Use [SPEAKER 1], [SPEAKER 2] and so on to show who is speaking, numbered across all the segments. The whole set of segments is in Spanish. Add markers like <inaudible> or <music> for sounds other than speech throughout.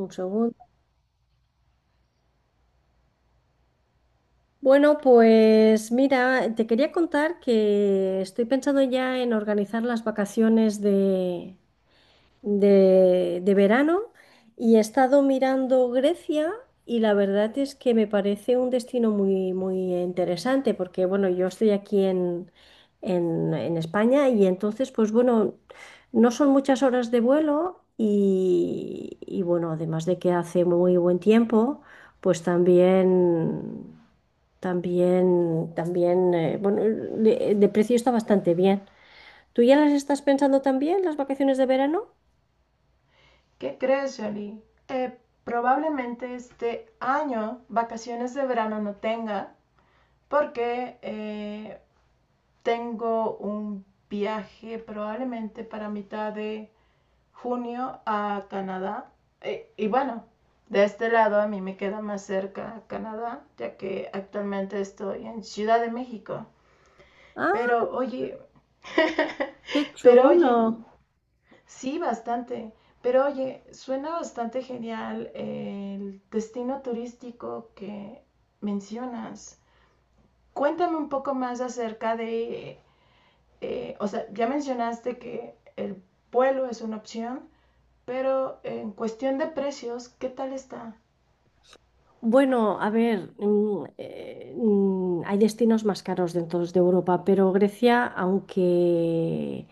[SPEAKER 1] Un segundo. Bueno, pues mira, te quería contar que estoy pensando ya en organizar las vacaciones de verano y he estado mirando Grecia, y la verdad es que me parece un destino muy, muy interesante porque, bueno, yo estoy aquí en España y entonces, pues bueno, no son muchas horas de vuelo y bueno, además de que hace muy buen tiempo, pues también. Bueno, de precio está bastante bien. ¿Tú ya las estás pensando también, las vacaciones de verano?
[SPEAKER 2] ¿Qué crees, Jolie? Eh, Probablemente este año vacaciones de verano no tenga porque tengo un viaje probablemente para mitad de junio a Canadá. Y bueno, de este lado a mí me queda más cerca Canadá, ya que actualmente estoy en Ciudad de México.
[SPEAKER 1] Ah,
[SPEAKER 2] Pero oye,
[SPEAKER 1] qué
[SPEAKER 2] pero
[SPEAKER 1] chulo.
[SPEAKER 2] oye, sí, bastante. Pero oye, suena bastante genial el destino turístico que mencionas. Cuéntame un poco más acerca de, o sea, ya mencionaste que el vuelo es una opción, pero en cuestión de precios, ¿qué tal está?
[SPEAKER 1] Bueno, a ver, hay destinos más caros dentro de Europa, pero Grecia,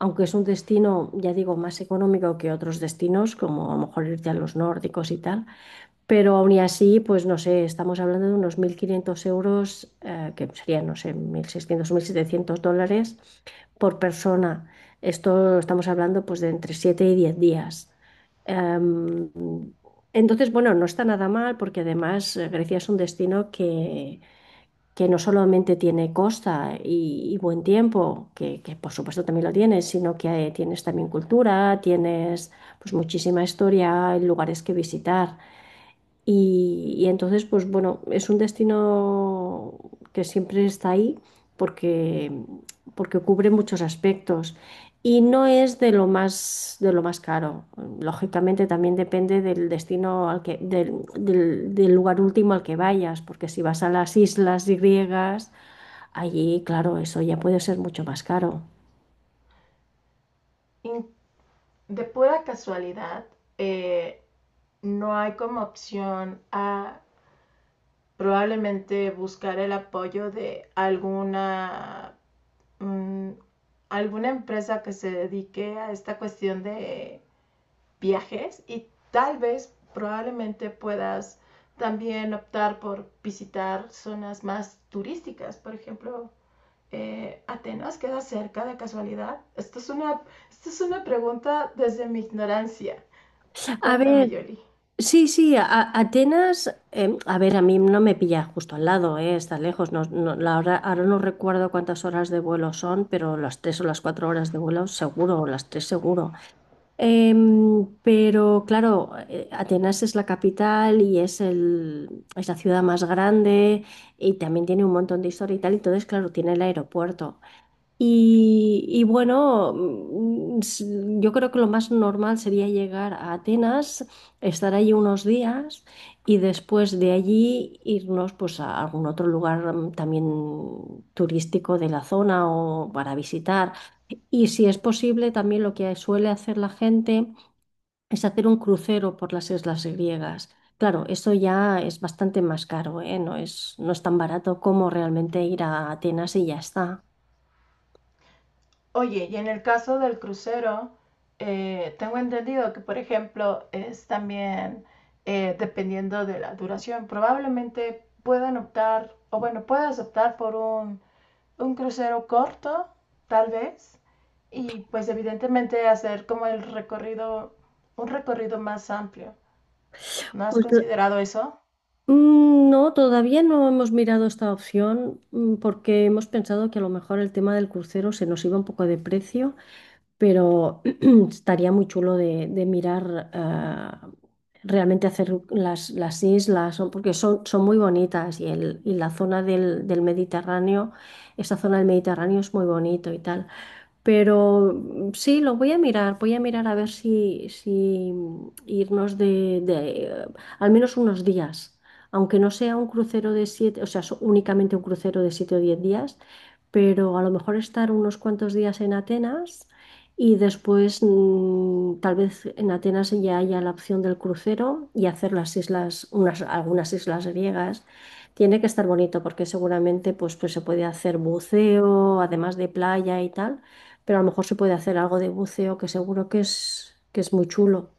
[SPEAKER 1] aunque es un destino, ya digo, más económico que otros destinos, como a lo mejor irte a los nórdicos y tal, pero aún y así, pues no sé, estamos hablando de unos 1.500 euros, que serían, no sé, 1.600 o 1.700 dólares por persona. Esto estamos hablando pues de entre 7 y 10 días. Em, entonces, bueno, no está nada mal porque además Grecia es un destino que no solamente tiene costa y buen tiempo, que por supuesto también lo tienes, sino que tienes también cultura, tienes pues muchísima historia, lugares que visitar. Y entonces, pues bueno, es un destino que siempre está ahí porque, porque cubre muchos aspectos y no es de lo más caro. Lógicamente también depende del destino al que, del, del- del lugar último al que vayas, porque si vas a las islas griegas, allí, claro, eso ya puede ser mucho más caro.
[SPEAKER 2] In- de pura casualidad, eh, ¿no hay como opción a probablemente buscar el apoyo de alguna mm, alguna empresa que se dedique a esta cuestión de viajes y tal vez probablemente puedas también optar por visitar zonas más turísticas? Por ejemplo, ¿Atenas queda cerca de casualidad? Esto es una pregunta desde mi ignorancia.
[SPEAKER 1] A
[SPEAKER 2] Cuéntame,
[SPEAKER 1] ver,
[SPEAKER 2] Yoli.
[SPEAKER 1] sí, sí, Atenas, a ver, a mí no me pilla justo al lado, está lejos, ahora no recuerdo cuántas horas de vuelo son, pero las tres o las cuatro horas de vuelo seguro, o las tres seguro. Pero claro, Atenas es la capital y es la ciudad más grande, y también tiene un montón de historia y tal, entonces claro, tiene el aeropuerto. Y bueno, yo creo que lo más normal sería llegar a Atenas, estar allí unos días, y después de allí irnos pues a algún otro lugar también turístico de la zona o para visitar. Y si es posible, también lo que suele hacer la gente es hacer un crucero por las islas griegas. Claro, eso ya es bastante más caro, ¿eh? No es tan barato como realmente ir a Atenas y ya está.
[SPEAKER 2] Oye, y en el caso del crucero, tengo entendido que, por ejemplo, es también dependiendo de la duración, probablemente puedan optar, o bueno, puedas optar por un crucero corto, tal vez, y pues evidentemente hacer como el recorrido, un recorrido más amplio. ¿No has
[SPEAKER 1] Pues,
[SPEAKER 2] considerado eso?
[SPEAKER 1] No, todavía no hemos mirado esta opción, porque hemos pensado que a lo mejor el tema del crucero se nos iba un poco de precio, pero <clears throat> estaría muy chulo de mirar ah, realmente hacer las islas, porque son, son muy bonitas, y la zona del Mediterráneo, esa zona del Mediterráneo es muy bonito y tal. Pero sí, lo voy a mirar a ver si irnos eh, al menos unos días, aunque no sea un crucero de siete, únicamente un crucero de 7 o 10 días, pero a lo mejor estar unos cuantos días en Atenas y después tal vez en Atenas ya haya la opción del crucero y hacer las islas, algunas islas griegas. Tiene que estar bonito porque seguramente pues se puede hacer buceo, además de playa y tal, pero a lo mejor se puede hacer algo de buceo que seguro que que es muy chulo.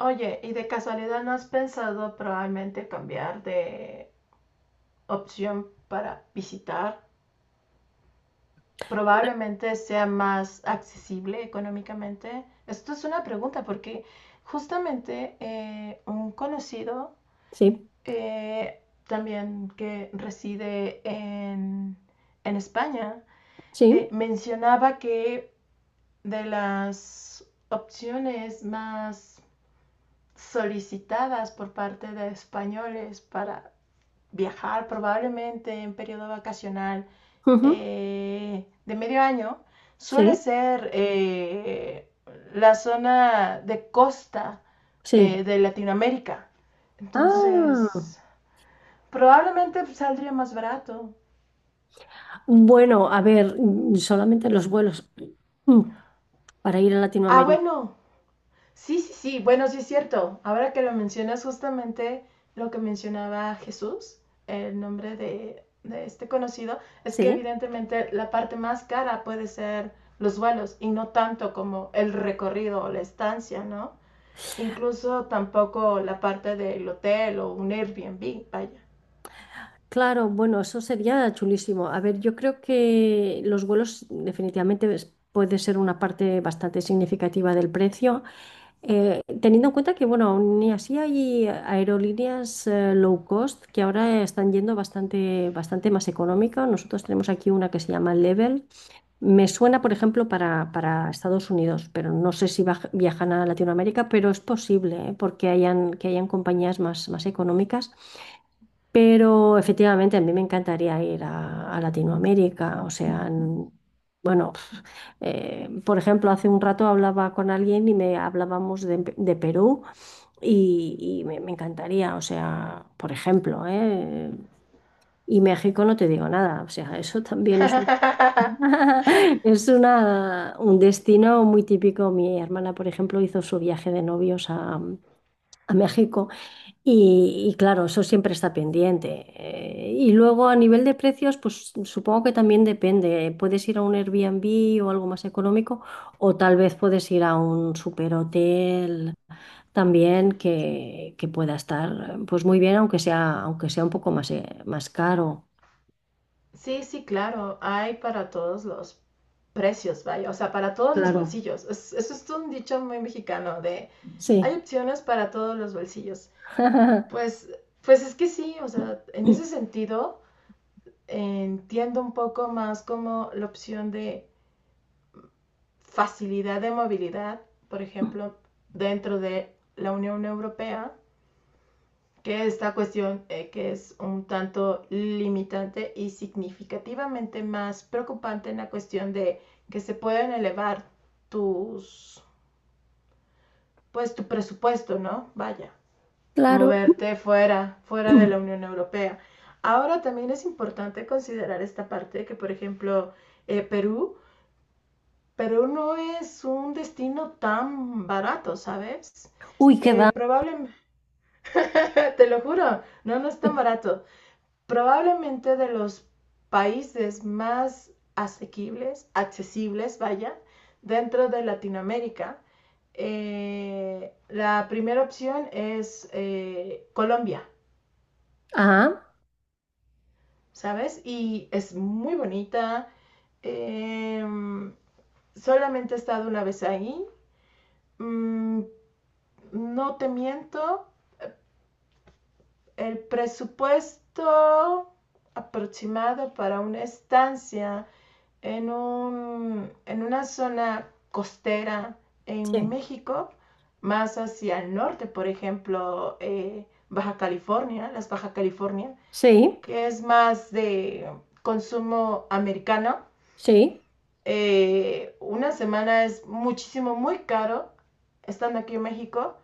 [SPEAKER 2] Oye, ¿y de casualidad no has pensado probablemente cambiar de opción para visitar probablemente sea más accesible económicamente? Esto es una pregunta porque justamente un conocido
[SPEAKER 1] Sí,
[SPEAKER 2] eh, también que reside en, España
[SPEAKER 1] sí,
[SPEAKER 2] mencionaba que de las opciones más solicitadas por parte de españoles para viajar probablemente en periodo vacacional
[SPEAKER 1] ujú,
[SPEAKER 2] de medio año, suele
[SPEAKER 1] sí,
[SPEAKER 2] ser la zona de costa
[SPEAKER 1] sí.
[SPEAKER 2] de Latinoamérica.
[SPEAKER 1] Ah,
[SPEAKER 2] Entonces, probablemente saldría más barato.
[SPEAKER 1] bueno, a ver, solamente los vuelos, mm, para ir a
[SPEAKER 2] Ah,
[SPEAKER 1] Latinoamérica.
[SPEAKER 2] bueno, sí, sí, sí, bueno, sí es cierto. Ahora que lo mencionas, justamente lo que mencionaba Jesús, el nombre de este conocido, es que
[SPEAKER 1] Sí,
[SPEAKER 2] evidentemente la parte más cara puede ser los vuelos y no tanto como el recorrido o la estancia, ¿no? Incluso tampoco la parte del hotel o un Airbnb, vaya.
[SPEAKER 1] claro, bueno, eso sería chulísimo. A ver, yo creo que los vuelos definitivamente puede ser una parte bastante significativa del precio. Teniendo en cuenta que, bueno, aún y así hay aerolíneas low cost que ahora están yendo bastante, bastante más económica. Nosotros tenemos aquí una que se llama Level. Me suena, por ejemplo, para Estados Unidos, pero no sé si viajan a Latinoamérica, pero es posible, ¿eh? Porque hayan, que hayan compañías más, más económicas. Pero efectivamente a mí me encantaría ir a Latinoamérica, o sea, bueno, <laughs> pf, por ejemplo, hace un rato hablaba con alguien y me hablábamos de, de Perú, me encantaría, o sea, por ejemplo, ¿eh? Y México no te digo nada, o sea, <laughs> eso también es un,
[SPEAKER 2] <laughs>
[SPEAKER 1] <laughs> es una, un destino muy típico. Mi hermana, por ejemplo, hizo su viaje de novios a México. Y claro, eso siempre está pendiente. Y luego a nivel de precios, pues supongo que también depende. Puedes ir a un Airbnb o algo más económico, o tal vez puedes ir a un superhotel también que pueda estar pues muy bien, aunque sea un poco más, más caro.
[SPEAKER 2] Sí, sí, claro, hay para todos los precios, vaya, o sea, para todos los
[SPEAKER 1] Claro,
[SPEAKER 2] bolsillos. Eso es un dicho muy mexicano de hay
[SPEAKER 1] sí.
[SPEAKER 2] opciones para todos los bolsillos.
[SPEAKER 1] <laughs>
[SPEAKER 2] Pues, pues, es que sí, o sea, en ese sentido entiendo un poco más como la opción de facilidad de movilidad, por ejemplo, dentro de la Unión Europea, que esta cuestión que es un tanto limitante y significativamente más preocupante en la cuestión de que se pueden elevar tus, pues tu presupuesto, ¿no? Vaya,
[SPEAKER 1] Claro.
[SPEAKER 2] moverte fuera, de la
[SPEAKER 1] <clears throat>
[SPEAKER 2] Unión Europea. Ahora también es importante considerar esta parte que, por ejemplo, eh, Perú, Perú no es un destino tan barato, ¿sabes?
[SPEAKER 1] Uy, qué va.
[SPEAKER 2] Probablemente, <laughs> te lo juro, no, no es tan barato. Probablemente de los países más asequibles, accesibles, vaya, dentro de Latinoamérica. La primera opción es Colombia,
[SPEAKER 1] Ah,
[SPEAKER 2] ¿sabes? Y es muy bonita. Eh, Solamente he estado una vez ahí. Mm, no te miento, el presupuesto aproximado para una estancia en una zona costera
[SPEAKER 1] sí.
[SPEAKER 2] en México, más hacia el norte, por ejemplo, Baja California, las Baja California,
[SPEAKER 1] Sí,
[SPEAKER 2] que es más de consumo americano.
[SPEAKER 1] sí,
[SPEAKER 2] Una semana es muchísimo, muy caro, estando aquí en México,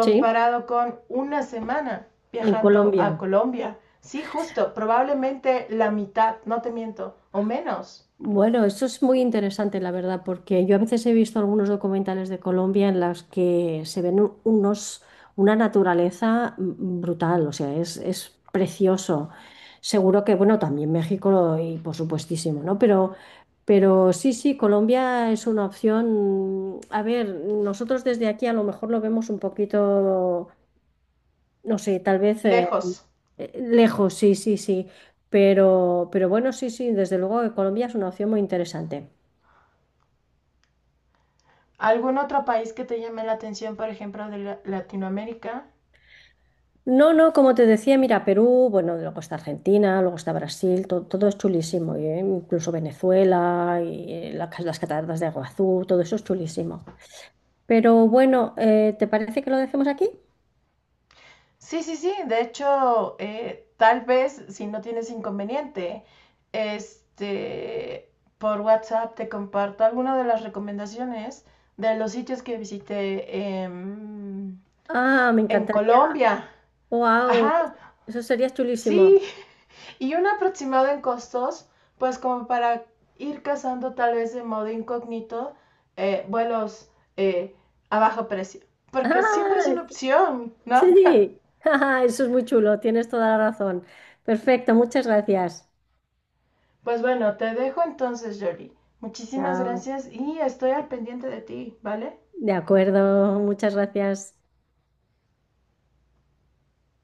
[SPEAKER 1] sí.
[SPEAKER 2] con una semana
[SPEAKER 1] En
[SPEAKER 2] viajando a
[SPEAKER 1] Colombia.
[SPEAKER 2] Colombia. Sí, justo, probablemente la mitad, no te miento, o menos,
[SPEAKER 1] Bueno, eso es muy interesante, la verdad, porque yo a veces he visto algunos documentales de Colombia en las que se ven una naturaleza brutal, o sea, es precioso. Seguro que, bueno, también México y por supuestísimo, ¿no? Pero sí, sí, Colombia es una opción. A ver, nosotros desde aquí a lo mejor lo vemos un poquito, no sé, tal vez
[SPEAKER 2] lejos.
[SPEAKER 1] lejos, sí, sí, sí. Pero bueno, sí, sí, desde luego que Colombia es una opción muy interesante.
[SPEAKER 2] ¿Algún otro país que te llame la atención, por ejemplo, de Latinoamérica?
[SPEAKER 1] No, no, como te decía, mira, Perú, bueno, luego está Argentina, luego está Brasil, todo es chulísimo, y, incluso Venezuela y la las cataratas de Iguazú, todo eso es chulísimo. Pero bueno, ¿te parece que lo dejemos aquí?
[SPEAKER 2] Sí, sí, sí. De hecho, tal vez, si no tienes inconveniente, este, por WhatsApp te comparto alguna de las recomendaciones de los sitios que visité
[SPEAKER 1] Ah, me
[SPEAKER 2] en
[SPEAKER 1] encantaría.
[SPEAKER 2] Colombia.
[SPEAKER 1] ¡Wow!
[SPEAKER 2] Ajá,
[SPEAKER 1] Eso sería
[SPEAKER 2] sí,
[SPEAKER 1] chulísimo.
[SPEAKER 2] y un aproximado en costos, pues como para ir cazando tal vez de modo incógnito vuelos eh, a bajo precio, porque siempre es
[SPEAKER 1] ¡Ah!
[SPEAKER 2] una opción, ¿no? <laughs>
[SPEAKER 1] Sí, <laughs> ¡ah! Eso es muy chulo, tienes toda la razón. Perfecto, muchas gracias.
[SPEAKER 2] Pues bueno, te dejo entonces, Jolie. Muchísimas
[SPEAKER 1] Chao.
[SPEAKER 2] gracias y estoy al pendiente de ti, ¿vale?
[SPEAKER 1] De acuerdo, muchas gracias.